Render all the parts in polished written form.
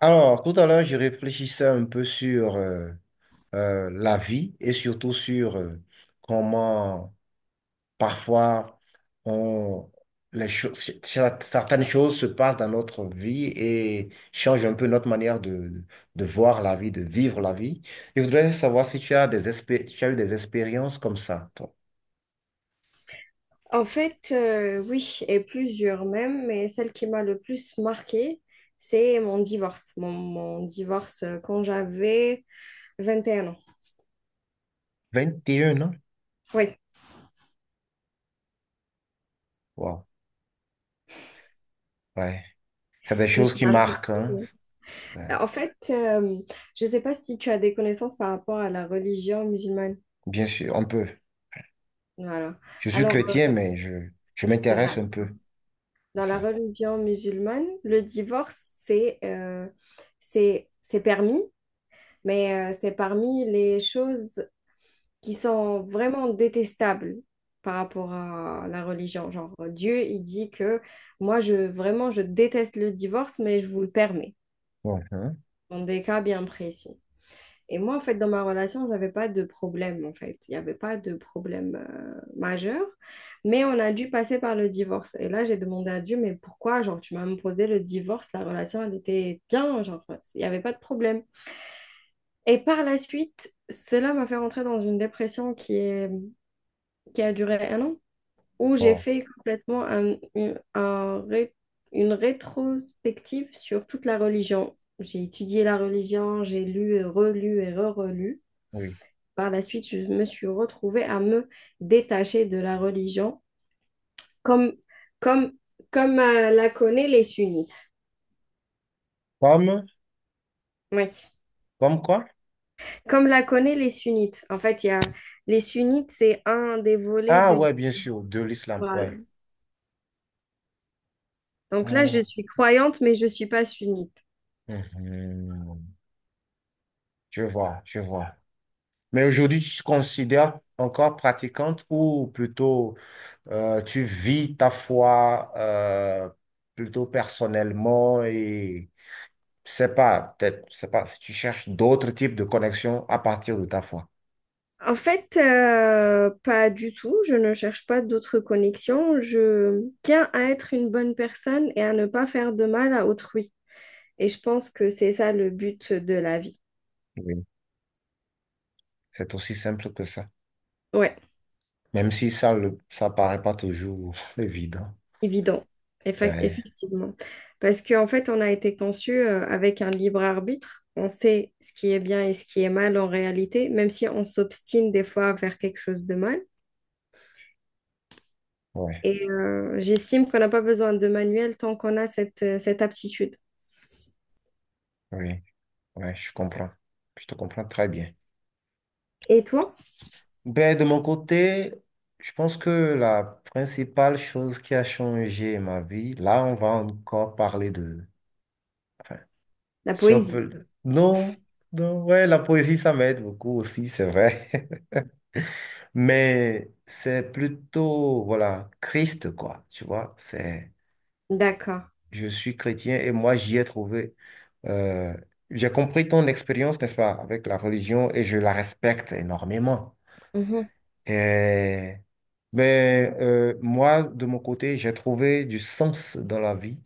Alors, tout à l'heure, je réfléchissais un peu sur la vie et surtout sur comment parfois on, les choses, certaines choses se passent dans notre vie et changent un peu notre manière de voir la vie, de vivre la vie. Je voudrais savoir si tu as tu as eu des expériences comme ça, toi. En fait, oui, et plusieurs même, mais celle qui m'a le plus marquée, c'est mon divorce. Mon divorce quand j'avais 21 ans. 21 ans? Oui, Wow. Ouais. C'est des je me choses suis qui mariée. marquent, hein. Ouais. En fait, je ne sais pas si tu as des connaissances par rapport à la religion musulmane. Bien sûr, on peut. Voilà. Je suis Alors, chrétien, mais je m'intéresse bah, un peu à dans la ça. religion musulmane, le divorce, c'est c'est permis, mais c'est parmi les choses qui sont vraiment détestables par rapport à la religion. Genre, Dieu, il dit que moi, je vraiment, je déteste le divorce, mais je vous le permets, Bon, hein, dans des cas bien précis. Et moi, en fait, dans ma relation, j'avais pas de problème, en fait. Il n'y avait pas de problème majeur, mais on a dû passer par le divorce. Et là, j'ai demandé à Dieu, mais pourquoi, genre, tu m'as imposé le divorce, la relation, elle était bien, genre, il n'y avait pas de problème. Et par la suite, cela m'a fait rentrer dans une dépression qui a duré un an, où j'ai bon, fait complètement une rétrospective sur toute la religion. J'ai étudié la religion, j'ai lu et relu et re-relu. oui. Par la suite, je me suis retrouvée à me détacher de la religion, comme, comme, comme la connaît les sunnites. Comme, Oui, comme quoi? comme la connaît les sunnites. En fait, il y a, les sunnites, c'est un des volets Ah de l'islam. ouais, bien sûr, de l'islam, ouais. Voilà. Donc là, je Ah, suis croyante, mais je ne suis pas sunnite. mhm. Je vois, je vois. Mais aujourd'hui, tu te considères encore pratiquante ou plutôt tu vis ta foi plutôt personnellement et c'est pas, peut-être, c'est pas, si tu cherches d'autres types de connexions à partir de ta foi. En fait, pas du tout. Je ne cherche pas d'autres connexions. Je tiens à être une bonne personne et à ne pas faire de mal à autrui. Et je pense que c'est ça le but de la vie. Oui, c'est aussi simple que ça. Ouais, Même si ça, ça paraît pas toujours évident. évident. Ouais, Effectivement. Parce qu'en fait, on a été conçu avec un libre arbitre. On sait ce qui est bien et ce qui est mal en réalité, même si on s'obstine des fois à faire quelque chose de mal. ouais, Et j'estime qu'on n'a pas besoin de manuel tant qu'on a cette aptitude. oui. Ouais, je comprends. Je te comprends très bien. Et toi, Ben, de mon côté, je pense que la principale chose qui a changé ma vie, là, on va encore parler de. Enfin, la si on poésie? peut. Non, non, ouais, la poésie, ça m'aide beaucoup aussi, c'est vrai. Mais c'est plutôt, voilà, Christ, quoi. Tu vois, c'est. D'accord. Je suis chrétien et moi, j'y ai trouvé. euh, J'ai compris ton expérience, n'est-ce pas, avec la religion et je la respecte énormément. Mhm, Et- mais moi, de mon côté, j'ai trouvé du sens dans la vie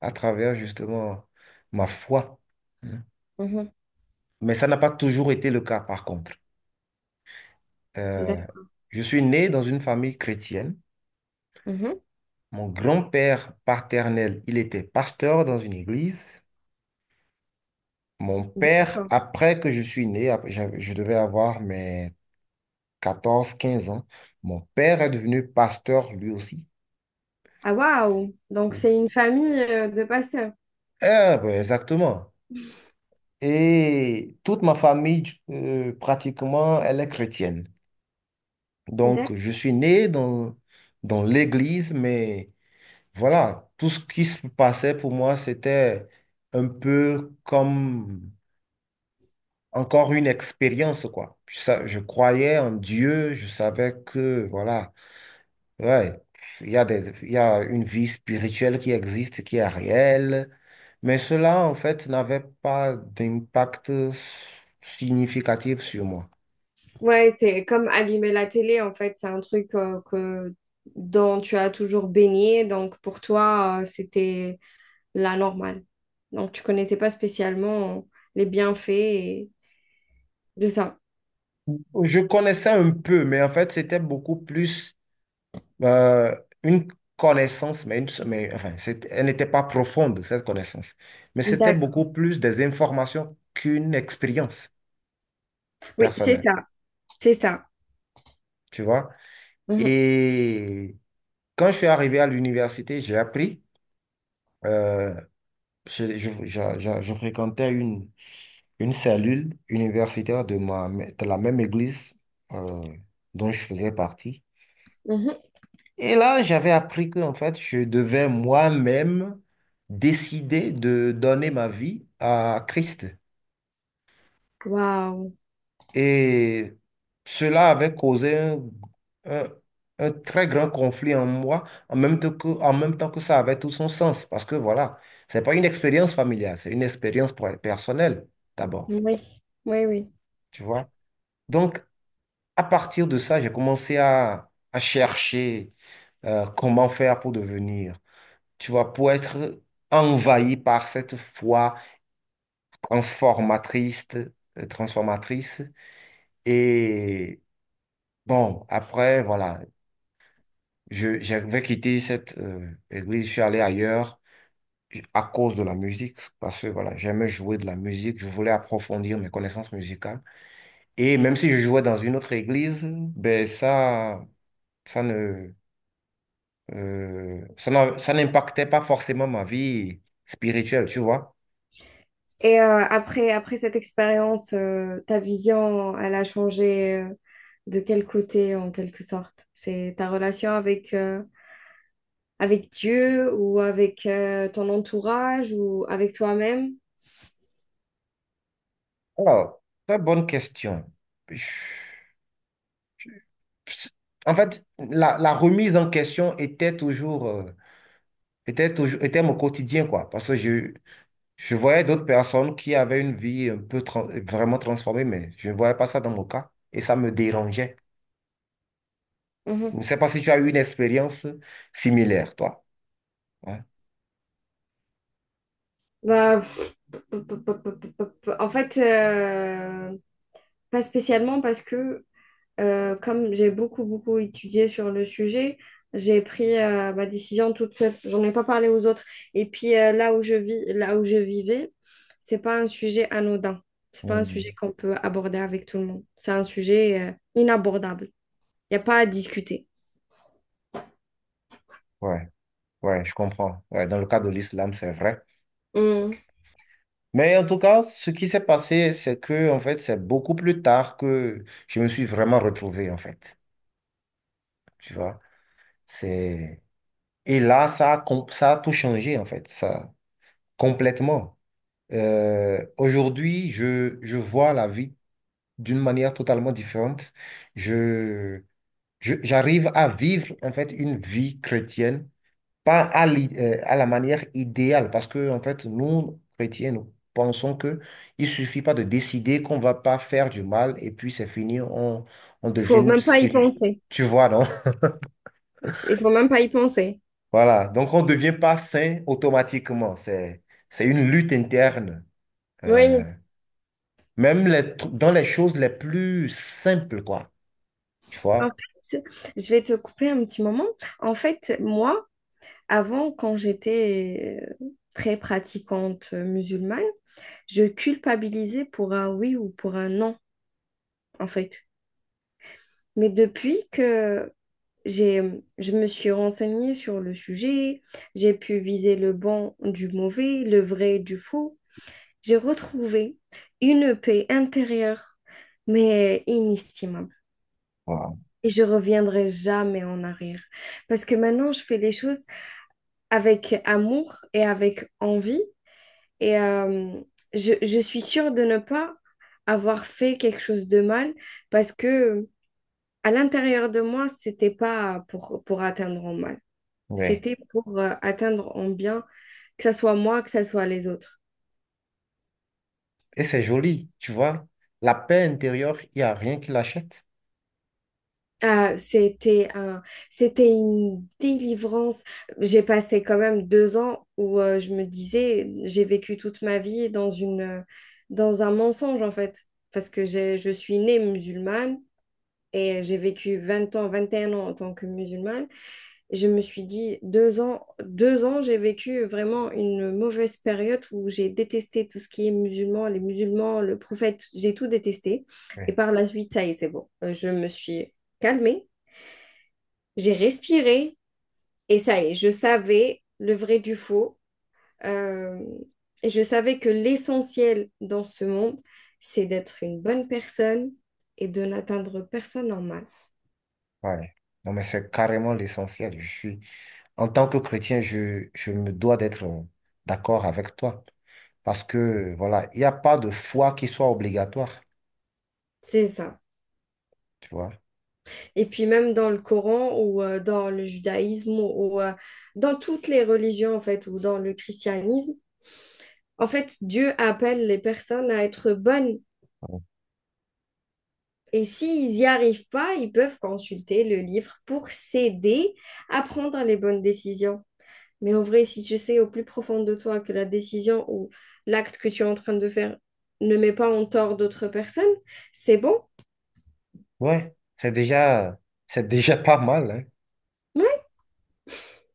à travers justement ma foi. Hein. mhm, Mais ça n'a pas toujours été le cas, par contre. Euh, d'accord. je suis né dans une famille chrétienne. Mhm, Mon grand-père paternel, il était pasteur dans une église. Mon père, d'accord. après que je suis né, je devais avoir mes 14 15 ans, mon père est devenu pasteur lui aussi. Ah, waouh! Donc, Oui. c'est une famille de pasteurs. Ah, ben, exactement. Et toute ma famille, pratiquement, elle est chrétienne. Donc, je D'accord. suis né dans l'église, mais voilà, tout ce qui se passait pour moi, c'était un peu comme encore une expérience, quoi. Je croyais en Dieu, je savais que, voilà, ouais, il y a une vie spirituelle qui existe, qui est réelle. Mais cela, en fait, n'avait pas d'impact significatif sur moi. Ouais, c'est comme allumer la télé, en fait. C'est un truc dont tu as toujours baigné. Donc, pour toi, c'était la normale. Donc, tu connaissais pas spécialement les bienfaits de ça. Je connaissais un peu, mais en fait, c'était beaucoup plus euh, une connaissance, mais enfin, elle n'était pas profonde, cette connaissance. Mais c'était D'accord. beaucoup plus des informations qu'une expérience Oui, c'est personnelle, ça. C'est ça. tu vois. Mhm, Et quand je suis arrivé à l'université, j'ai appris, euh, je fréquentais une cellule universitaire de la même église euh, dont je faisais partie. mhm. Et là, j'avais appris que, en fait, je devais moi-même décider de donner ma vie à Christ. Waouh. Et cela avait causé un- un très grand conflit en moi, en même temps que ça avait tout son sens. Parce que voilà, c'est pas une expérience familiale, c'est une expérience personnelle, d'abord. Oui, oui, oui. Tu vois? Donc, à partir de ça, j'ai commencé à chercher comment faire pour devenir, tu vois, pour être envahi par cette foi transformatrice, transformatrice. Et bon, après, voilà, j'avais quitté cette église, je suis allé ailleurs à cause de la musique, parce que voilà, j'aimais jouer de la musique, je voulais approfondir mes connaissances musicales. Et même si je jouais dans une autre église, ben ça ne, ça n'impactait pas forcément ma vie spirituelle, tu vois. Et après cette expérience, ta vision, elle a changé de quel côté en quelque sorte? C'est ta relation avec Dieu ou avec ton entourage ou avec toi-même? Alors, très bonne question. Je- En fait, la remise en question était mon quotidien, quoi. Parce que je voyais d'autres personnes qui avaient une vie un peu vraiment transformée, mais je ne voyais pas ça dans mon cas. Et ça me dérangeait. Je Mhm. ne sais pas si tu as eu une expérience similaire, toi. Ouais. Bah, en fait, pas spécialement parce que comme j'ai beaucoup, beaucoup étudié sur le sujet, j'ai pris ma décision toute seule. J'en ai pas parlé aux autres. Et puis là où je vis, là où je vivais, c'est pas un sujet anodin. C'est pas un sujet Mhm. qu'on peut aborder avec tout le monde. C'est un sujet inabordable. Il n'y a pas à discuter. Ouais, ouais, je comprends. Ouais, dans le cas de l'islam, c'est vrai. Mm. Mais en tout cas, ce qui s'est passé, c'est que, en fait, c'est beaucoup plus tard que je me suis vraiment retrouvé, en fait. Tu vois, c'est. Et là, ça a tout changé, en fait, ça, complètement. Aujourd'hui, je vois la vie d'une manière totalement différente. Je, J'arrive à vivre, en fait, une vie chrétienne, pas à la manière idéale, parce que, en fait, nous, chrétiens, nous pensons que il suffit pas de décider qu'on va pas faire du mal, et puis c'est fini, on Il devient faut une, même pas y une- penser. Tu vois, non? Il faut même pas y penser. Voilà, donc on ne devient pas sain automatiquement. C'est une lutte interne. Oui. Euh, Même les dans les choses les plus simples, quoi. Tu En vois? fait, je vais te couper un petit moment. En fait, moi, avant, quand j'étais très pratiquante musulmane, je culpabilisais pour un oui ou pour un non, en fait. Mais depuis que j'ai, je me suis renseignée sur le sujet, j'ai pu viser le bon du mauvais, le vrai du faux, j'ai retrouvé une paix intérieure, mais inestimable. Voilà. Et je reviendrai jamais en arrière. Parce que maintenant, je fais les choses avec amour et avec envie. Et euh, je suis sûre de ne pas avoir fait quelque chose de mal parce que à l'intérieur de moi, c'était pas pour atteindre en mal. Ouais. C'était pour atteindre en bien, que ce soit moi, que ce soit les autres. Et c'est joli, tu vois? La paix intérieure, il n'y a rien qui l'achète. Ah, c'était un, c'était une délivrance. J'ai passé quand même 2 ans où je me disais, j'ai vécu toute ma vie dans une, dans un mensonge en fait, parce que je suis née musulmane. Et j'ai vécu 20 ans, 21 ans en tant que musulmane. Je me suis dit, 2 ans, 2 ans, j'ai vécu vraiment une mauvaise période où j'ai détesté tout ce qui est musulman, les musulmans, le prophète, j'ai tout détesté. Et Ouais. par la suite, ça y est, c'est bon. Je me suis calmée, j'ai respiré et ça y est, je savais le vrai du faux. Euh, et je savais que l'essentiel dans ce monde, c'est d'être une bonne personne et de n'atteindre personne en mal. Ouais. Non, mais c'est carrément l'essentiel. En tant que chrétien, je me dois d'être d'accord avec toi. Parce que, voilà, il n'y a pas de foi qui soit obligatoire. C'est ça. Tu vois? Et puis même dans le Coran ou dans le judaïsme ou dans toutes les religions en fait ou dans le christianisme, en fait Dieu appelle les personnes à être bonnes. Et s'ils n'y arrivent pas, ils peuvent consulter le livre pour s'aider à prendre les bonnes décisions. Mais en vrai, si tu sais au plus profond de toi que la décision ou l'acte que tu es en train de faire ne met pas en tort d'autres personnes, c'est bon. Ouais, c'est déjà pas mal, hein. Ouais,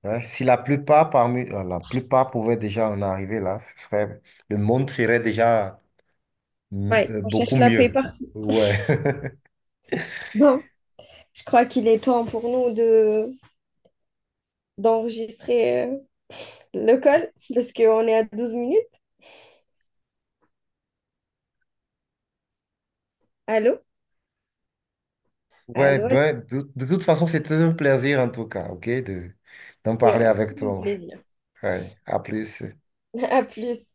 Ouais, si la plupart la plupart pouvaient déjà en arriver là, le monde serait déjà ouais, on beaucoup cherche la paix mieux. partout. Ouais. Bon, je crois qu'il est temps pour nous de d'enregistrer le call parce qu'on est à 12 minutes. Allô? Ouais, Allô, allô, ben, de toute façon, c'était un plaisir en tout cas, ok, d'en c'est parler un très avec bon toi. plaisir. Ouais, à plus. À plus.